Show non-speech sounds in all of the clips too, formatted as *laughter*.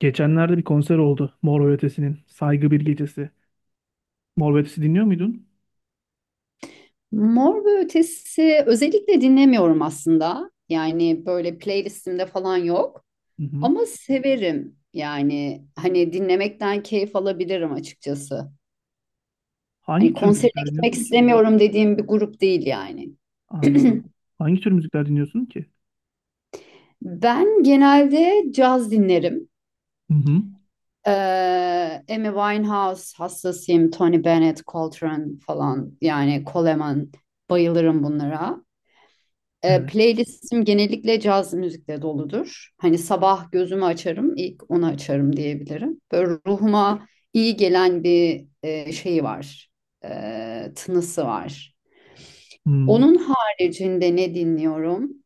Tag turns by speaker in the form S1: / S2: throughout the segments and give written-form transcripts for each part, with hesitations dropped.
S1: Geçenlerde bir konser oldu Mor ve Ötesi'nin. Saygı Bir Gecesi. Mor ve Ötesi dinliyor muydun?
S2: Mor ve Ötesi özellikle dinlemiyorum aslında. Böyle playlistimde falan yok.
S1: Hı hı.
S2: Ama severim. Hani dinlemekten keyif alabilirim açıkçası. Hani
S1: Hangi tür
S2: konserine
S1: müzikler
S2: gitmek
S1: dinliyorsun ki?
S2: istemiyorum dediğim bir grup değil yani.
S1: Anladım.
S2: *clears throat*
S1: Hangi tür müzikler dinliyorsun ki?
S2: Ben genelde caz dinlerim.
S1: Hı hı.
S2: Ee, Amy Winehouse hastasıyım. Tony Bennett, Coltrane falan yani Coleman bayılırım bunlara.
S1: Evet.
S2: Playlistim genellikle caz müzikle doludur. Hani sabah gözümü açarım, ilk onu açarım diyebilirim. Böyle ruhuma iyi gelen bir şeyi var, tınısı var.
S1: Hmm.
S2: Onun haricinde ne dinliyorum?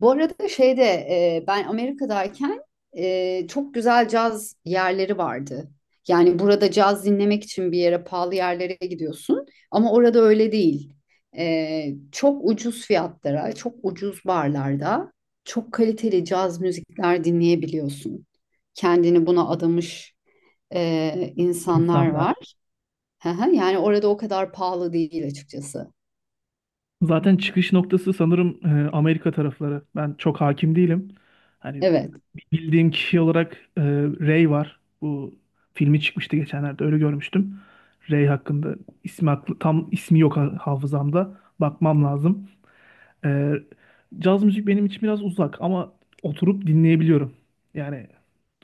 S2: Bu arada ben Amerika'dayken çok güzel caz yerleri vardı. Yani burada caz dinlemek için bir yere pahalı yerlere gidiyorsun ama orada öyle değil. Çok ucuz fiyatlara, çok ucuz barlarda çok kaliteli caz müzikler dinleyebiliyorsun. Kendini buna adamış insanlar var.
S1: İnsanlar.
S2: Hı hı, yani orada o kadar pahalı değil açıkçası.
S1: Zaten çıkış noktası sanırım Amerika tarafları. Ben çok hakim değilim. Hani
S2: Evet,
S1: bildiğim kişi olarak Ray var. Bu filmi çıkmıştı geçenlerde öyle görmüştüm. Ray hakkında ismi aklı, tam ismi yok hafızamda. Bakmam lazım. Ee, Caz müzik benim için biraz uzak ama oturup dinleyebiliyorum. Yani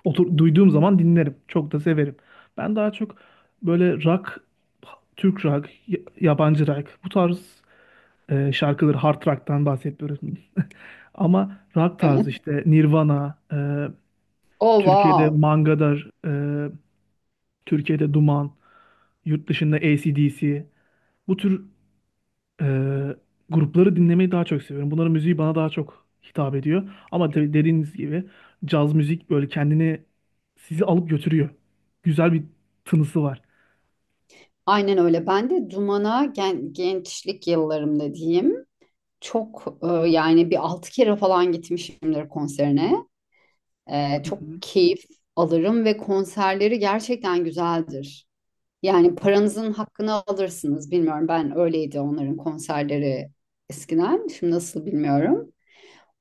S1: otur, duyduğum zaman dinlerim. Çok da severim. Ben daha çok böyle rock, Türk rock, yabancı rock bu tarz şarkıları hard rock'tan bahsetmiyoruz. Ama rock
S2: evet.
S1: tarzı işte Nirvana,
S2: Oh
S1: Türkiye'de
S2: wow.
S1: Mangadar, Türkiye'de Duman, yurt dışında AC/DC bu tür Ee, grupları dinlemeyi daha çok seviyorum. Bunların müziği bana daha çok hitap ediyor. Ama tabii dediğiniz gibi caz müzik böyle kendini sizi alıp götürüyor. Güzel bir tınısı var.
S2: Aynen öyle. Ben de Duman'a gençlik yıllarımda diyeyim. Çok yani bir altı kere falan gitmişimdir konserine.
S1: Hı
S2: Çok
S1: hı.
S2: keyif alırım ve konserleri gerçekten güzeldir. Yani paranızın hakkını alırsınız. Bilmiyorum ben öyleydi onların konserleri eskiden. Şimdi nasıl bilmiyorum.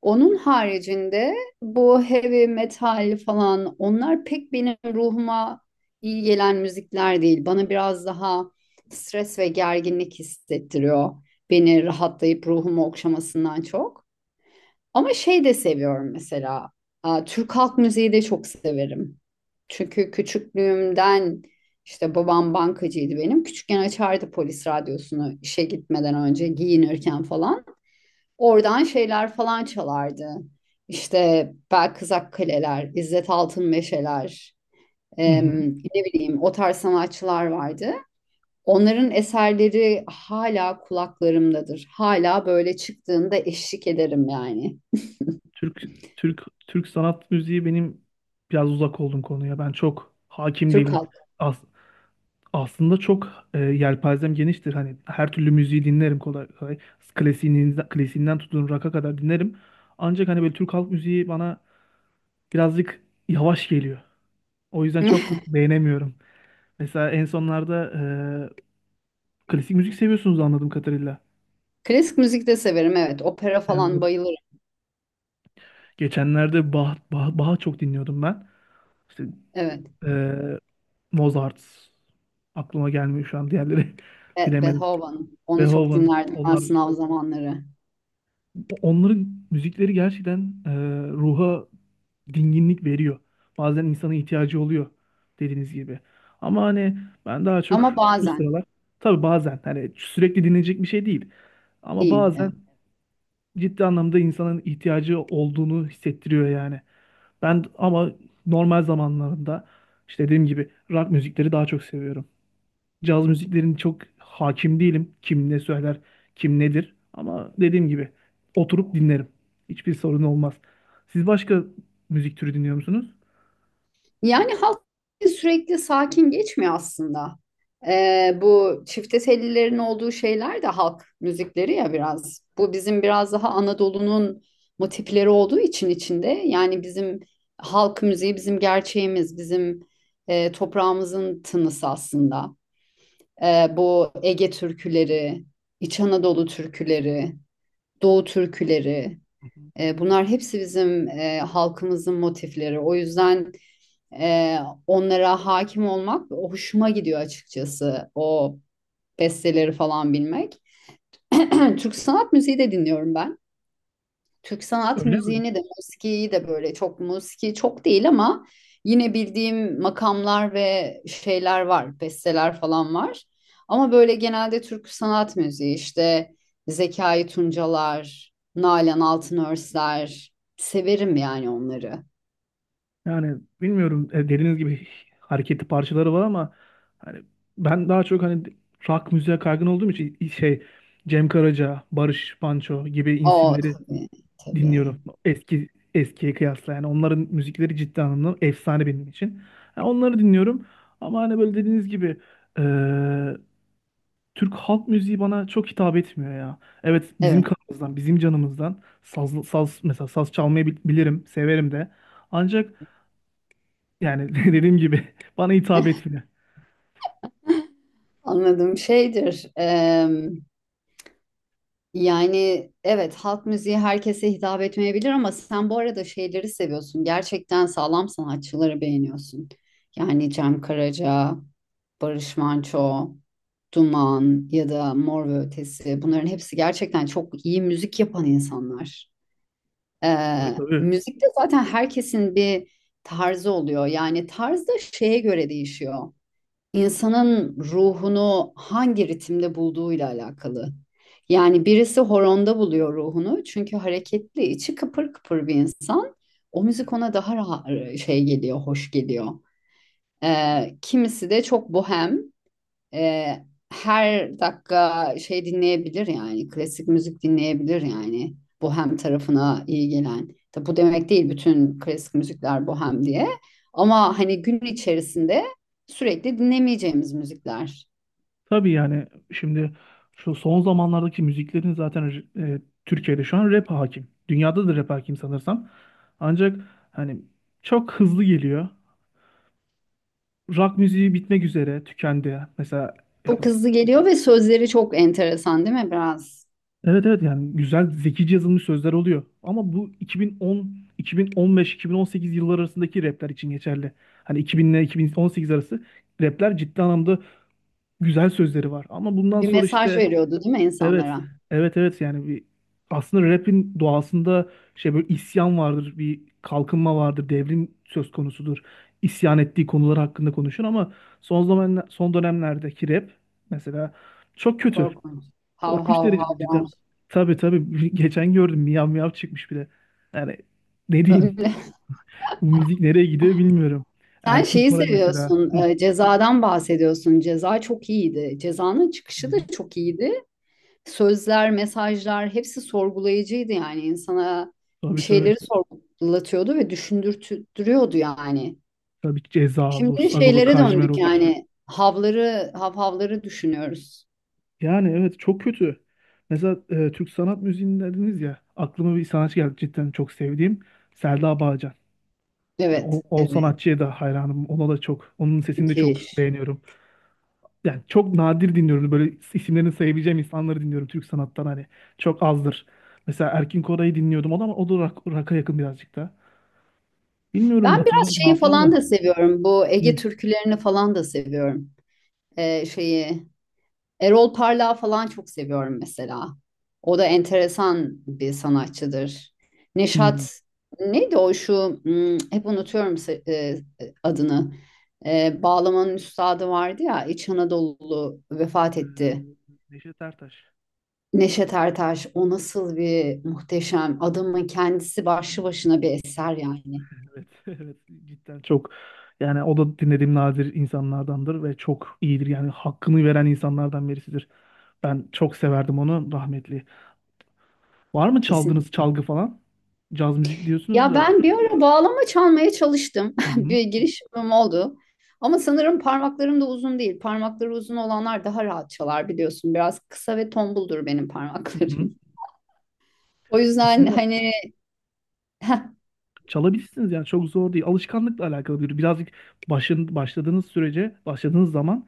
S2: Onun haricinde bu heavy metal falan onlar pek benim ruhuma iyi gelen müzikler değil. Bana biraz daha stres ve gerginlik hissettiriyor. Beni rahatlayıp ruhumu okşamasından çok. Ama şey de seviyorum mesela. Aa, Türk halk müziği de çok severim. Çünkü küçüklüğümden işte babam bankacıydı benim. Küçükken açardı polis radyosunu işe gitmeden önce giyinirken falan. Oradan şeyler falan çalardı. İşte Belkızak Kaleler, İzzet Altın Meşeler,
S1: Hı hı.
S2: ne bileyim o tarz sanatçılar vardı. Onların eserleri hala kulaklarımdadır. Hala böyle çıktığında eşlik ederim yani.
S1: Türk Türk Türk sanat müziği benim biraz uzak olduğum konuya. Ben çok hakim
S2: Türk
S1: değilim.
S2: halk.
S1: As- aslında çok yelpazem geniştir. Hani her türlü müziği dinlerim kolay kolay. Klasiğinden tutun rock'a kadar dinlerim. Ancak hani böyle Türk halk müziği bana birazcık yavaş geliyor. O yüzden çok
S2: *laughs*
S1: beğenemiyorum. Mesela en sonlarda klasik müzik seviyorsunuz anladığım kadarıyla.
S2: Klasik müzik de severim, evet. Opera
S1: Yani
S2: falan bayılırım.
S1: geçenlerde Bach'ı çok dinliyordum ben. İşte
S2: Evet.
S1: e, Mozart aklıma gelmiyor şu an diğerleri *laughs* bilemedim.
S2: Beethoven. Onu çok
S1: Beethoven
S2: dinlerdim ben
S1: onlar
S2: sınav zamanları.
S1: Onların müzikleri gerçekten ruha dinginlik veriyor. Bazen insana ihtiyacı oluyor dediğiniz gibi. Ama hani ben daha çok
S2: Ama
S1: şu
S2: bazen
S1: sıralar tabii bazen hani sürekli dinlenecek bir şey değil. Ama
S2: değil. Evet.
S1: bazen ciddi anlamda insanın ihtiyacı olduğunu hissettiriyor yani. Ben ama normal zamanlarında işte dediğim gibi rock müzikleri daha çok seviyorum. Caz müziklerini çok hakim değilim. Kim ne söyler, kim nedir. Ama dediğim gibi oturup dinlerim. Hiçbir sorun olmaz. Siz başka müzik türü dinliyor musunuz?
S2: Yani halk sürekli sakin geçmiyor aslında. Bu çifte tellilerin olduğu şeyler de halk müzikleri ya biraz. Bu bizim biraz daha Anadolu'nun motifleri olduğu için içinde. Yani bizim halk müziği bizim gerçeğimiz, bizim toprağımızın tınısı aslında. Bu Ege türküleri, İç Anadolu türküleri, Doğu türküleri,
S1: Hı hı.
S2: bunlar hepsi bizim halkımızın motifleri. O yüzden... Ee, Onlara hakim olmak hoşuma gidiyor açıkçası. O besteleri falan bilmek. *clears throat* Türk sanat müziği de dinliyorum ben. Türk sanat
S1: Öyle mi?
S2: müziğini de, musikiyi de böyle çok musiki çok değil ama yine bildiğim makamlar ve şeyler var, besteler falan var. Ama böyle genelde Türk sanat müziği işte Zekai Tuncalar, Nalan Altınörsler severim yani onları.
S1: Yani bilmiyorum dediğiniz gibi hareketli parçaları var ama hani ben daha çok hani rock müziğe kaygın olduğum için şey Cem Karaca, Barış Manço gibi
S2: O
S1: isimleri
S2: tabii
S1: dinliyorum.
S2: tabii.
S1: Eski eskiye kıyasla yani onların müzikleri ciddi anlamda efsane benim için. Yani onları dinliyorum ama hani böyle dediğiniz gibi eee, Türk halk müziği bana çok hitap etmiyor ya. Evet bizim
S2: Evet.
S1: kanımızdan, bizim canımızdan saz, mesela saz çalmayı bilirim, severim de. Ancak yani *laughs* dediğim gibi bana hitap etmiyor.
S2: Anladığım şeydir. Yani evet halk müziği herkese hitap etmeyebilir ama sen bu arada şeyleri seviyorsun. Gerçekten sağlam sanatçıları beğeniyorsun. Yani Cem Karaca, Barış Manço, Duman ya da Mor ve Ötesi bunların hepsi gerçekten çok iyi müzik yapan insanlar.
S1: Tabii tabii.
S2: Müzikte zaten herkesin bir tarzı oluyor. Yani tarz da şeye göre değişiyor, insanın ruhunu hangi ritimde bulduğuyla alakalı. Yani birisi horonda buluyor ruhunu çünkü hareketli, içi kıpır kıpır bir insan. O müzik ona daha rahat şey geliyor, hoş geliyor. Kimisi de çok bohem e, her dakika şey dinleyebilir yani klasik müzik dinleyebilir yani bohem tarafına iyi gelen. Tabi bu demek değil bütün klasik müzikler bohem diye. Ama hani gün içerisinde sürekli dinlemeyeceğimiz müzikler.
S1: Tabii yani şimdi şu son zamanlardaki müziklerin zaten Türkiye'de şu an rap hakim. Dünyada da rap hakim sanırsam. Ancak hani çok hızlı geliyor. Rock müziği bitmek üzere, tükendi. Mesela
S2: Çok
S1: yani
S2: hızlı geliyor ve sözleri çok enteresan değil mi biraz?
S1: evet, yani güzel zekice yazılmış sözler oluyor. Ama bu 2010, 2015, 2018 yılları arasındaki rapler için geçerli. Hani 2000 ile 2018 arası rapler ciddi anlamda güzel sözleri var. Ama bundan
S2: Bir
S1: sonra
S2: mesaj
S1: işte
S2: veriyordu değil mi
S1: Evet.
S2: insanlara?
S1: Evet, yani bir aslında rap'in doğasında şey böyle isyan vardır, bir kalkınma vardır, devrim söz konusudur. İsyan ettiği konular hakkında konuşur ama son dönemlerdeki rap mesela çok kötü.
S2: Korkunç. Hav
S1: Korkunç
S2: hav
S1: derecede
S2: hav.
S1: cidden. Tabii tabii. *laughs* Geçen gördüm miyav miyav çıkmış bir de. Yani ne diyeyim?
S2: Böyle.
S1: Bu müzik nereye gidiyor bilmiyorum.
S2: Sen
S1: Erkin
S2: şeyi
S1: Koray mesela. Hı.
S2: seviyorsun, cezadan bahsediyorsun. Ceza çok iyiydi. Cezanın çıkışı da çok iyiydi. Sözler, mesajlar hepsi sorgulayıcıydı yani insana bir
S1: Tabii tabii.
S2: şeyleri sorgulatıyordu ve düşündürtüyordu yani.
S1: Tabii Ceza olur,
S2: Şimdi
S1: Sagopa
S2: şeylere
S1: Kajmer
S2: döndük
S1: olur.
S2: yani havları, havhavları düşünüyoruz.
S1: Yani evet çok kötü. Mesela Türk sanat müziğini dediniz ya aklıma bir sanatçı geldi cidden çok sevdiğim Selda Bağcan. Yani
S2: Evet,
S1: o
S2: evet.
S1: sanatçıya da hayranım. Ona da çok. Onun sesini de çok
S2: Müthiş.
S1: beğeniyorum. Yani çok nadir dinliyorum. Böyle isimlerini sayabileceğim insanları dinliyorum Türk sanattan hani. Çok azdır. Mesela Erkin Koray'ı dinliyordum. O da rock'a yakın birazcık da. Bilmiyorum
S2: Ben biraz
S1: hatırla,
S2: şeyi
S1: hatıram
S2: falan
S1: da.
S2: da seviyorum. Bu Ege
S1: Hı,
S2: türkülerini falan da seviyorum. Şeyi Erol Parlak'ı falan çok seviyorum mesela. O da enteresan bir sanatçıdır.
S1: hı.
S2: Neşat neydi o şu hmm, hep unutuyorum adını. Bağlamanın üstadı vardı ya İç Anadolu vefat etti.
S1: Ee, Neşet Ertaş.
S2: Neşet Ertaş, o nasıl bir muhteşem adamın kendisi, başlı başına bir eser yani.
S1: Evet, *laughs* evet cidden çok yani o da dinlediğim nadir insanlardandır ve çok iyidir yani hakkını veren insanlardan birisidir. Ben çok severdim onu rahmetli. Var mı
S2: Kesin.
S1: çaldığınız çalgı falan? Caz müzik diyorsunuz
S2: Ya
S1: da.
S2: ben bir ara bağlama çalmaya çalıştım.
S1: Hı
S2: *laughs*
S1: hı,
S2: Bir girişimim oldu. Ama sanırım parmaklarım da uzun değil. Parmakları uzun olanlar daha rahat çalar biliyorsun. Biraz kısa ve tombuldur benim
S1: hı hı.
S2: parmaklarım. *laughs* O yüzden
S1: Aslında
S2: hani *laughs*
S1: çalabilirsiniz yani çok zor değil. Alışkanlıkla alakalı bir birazcık başladığınız sürece başladığınız zaman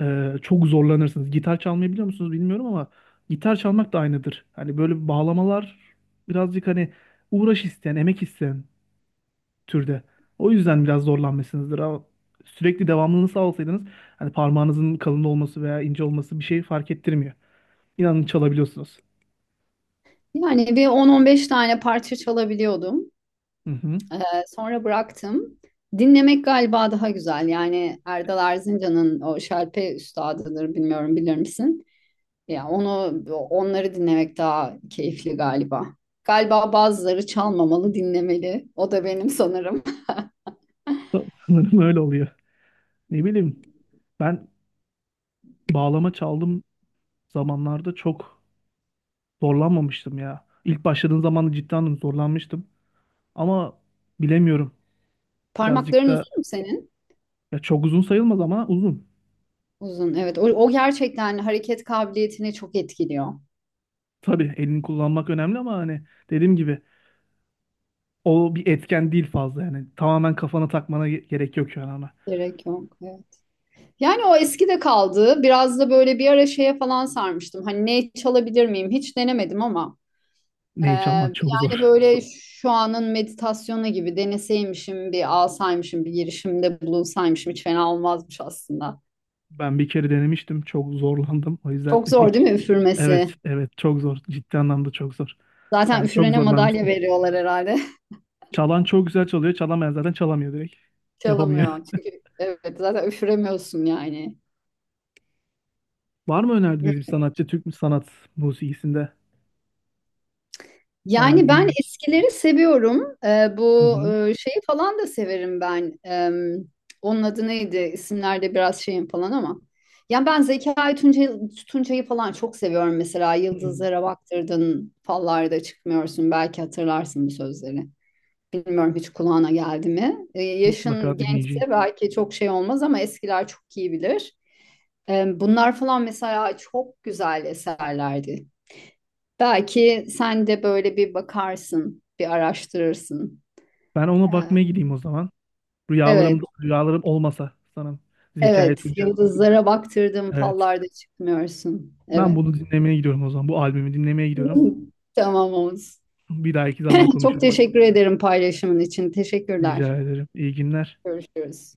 S1: çok zorlanırsınız. Gitar çalmayı biliyor musunuz bilmiyorum ama gitar çalmak da aynıdır. Hani böyle bağlamalar birazcık hani uğraş isteyen, emek isteyen türde. O yüzden biraz zorlanmışsınızdır ama sürekli devamlılığını sağlasaydınız hani parmağınızın kalın olması veya ince olması bir şey fark ettirmiyor. İnanın çalabiliyorsunuz.
S2: yani bir 10-15 tane parça çalabiliyordum.
S1: Hı hı.
S2: Ee, Sonra bıraktım. Dinlemek galiba daha güzel. Yani Erdal Erzincan'ın o şalpe üstadıdır, bilmiyorum bilir misin? Ya onu onları dinlemek daha keyifli galiba. Galiba bazıları çalmamalı, dinlemeli. O da benim sanırım.
S1: *laughs* Sanırım öyle oluyor. Ne bileyim ben bağlama çaldığım zamanlarda çok zorlanmamıştım ya. İlk başladığım zaman da cidden zorlanmıştım ama bilemiyorum.
S2: *laughs*
S1: Birazcık
S2: Parmakların
S1: da
S2: uzun mu senin?
S1: ya çok uzun sayılmaz ama uzun.
S2: Uzun. Evet. O gerçekten hareket kabiliyetini çok etkiliyor.
S1: Tabii elini kullanmak önemli ama hani dediğim gibi o bir etken değil fazla yani. Tamamen kafana takmana gerek yok yani ona.
S2: Gerek yok. Evet. Yani o eski de kaldı. Biraz da böyle bir ara şeye falan sarmıştım. Hani ne çalabilir miyim? Hiç denemedim ama.
S1: Neyi çalmak çok
S2: Yani
S1: zor.
S2: böyle şu anın meditasyonu gibi deneseymişim, bir alsaymışım, bir girişimde bulunsaymışım hiç fena olmazmış aslında.
S1: Ben bir kere denemiştim. Çok zorlandım. O yüzden *laughs*
S2: Çok
S1: de
S2: zor
S1: hiç.
S2: değil mi
S1: Evet,
S2: üfürmesi?
S1: evet çok zor. Ciddi anlamda çok zor.
S2: Zaten
S1: Ben çok
S2: üfürene madalya
S1: zorlanmıştım.
S2: veriyorlar herhalde.
S1: Çalan çok güzel çalıyor. Çalamayan zaten çalamıyor direkt.
S2: *laughs*
S1: Yapamıyor.
S2: Çalamıyor. Çünkü evet zaten üfüremiyorsun yani.
S1: *laughs* Var mı önerdiğiniz bir sanatçı Türk mü sanat musikisinde? Hemen
S2: Yani ben
S1: dinleyeyim.
S2: eskileri seviyorum.
S1: Hı hı.
S2: Şeyi falan da severim ben. Onun adı neydi? İsimlerde biraz şeyim falan ama. Yani ben Tuncay'ı falan çok seviyorum mesela.
S1: Hı.
S2: Yıldızlara baktırdın, fallarda çıkmıyorsun. Belki hatırlarsın bu sözleri. Bilmiyorum, hiç kulağına geldi mi? Yaşın
S1: Mutlaka dinleyeceğim.
S2: gençse belki çok şey olmaz ama eskiler çok iyi bilir. Bunlar falan mesela çok güzel eserlerdi. Belki sen de böyle bir bakarsın, bir araştırırsın.
S1: Ben ona
S2: Ee,
S1: bakmaya gideyim o zaman. Rüyalarım,
S2: evet,
S1: rüyalarım olmasa sanırım. Zekai
S2: evet.
S1: Tunca.
S2: Yıldızlara baktırdım,
S1: Evet.
S2: fallarda çıkmıyorsun.
S1: Ben
S2: Evet.
S1: bunu dinlemeye gidiyorum o zaman. Bu albümü dinlemeye gidiyorum.
S2: *laughs* Tamam Oğuz.
S1: Bir dahaki zaman
S2: Çok
S1: konuşuruz.
S2: teşekkür ederim paylaşımın için. Teşekkürler.
S1: Rica ederim. İyi günler.
S2: Görüşürüz.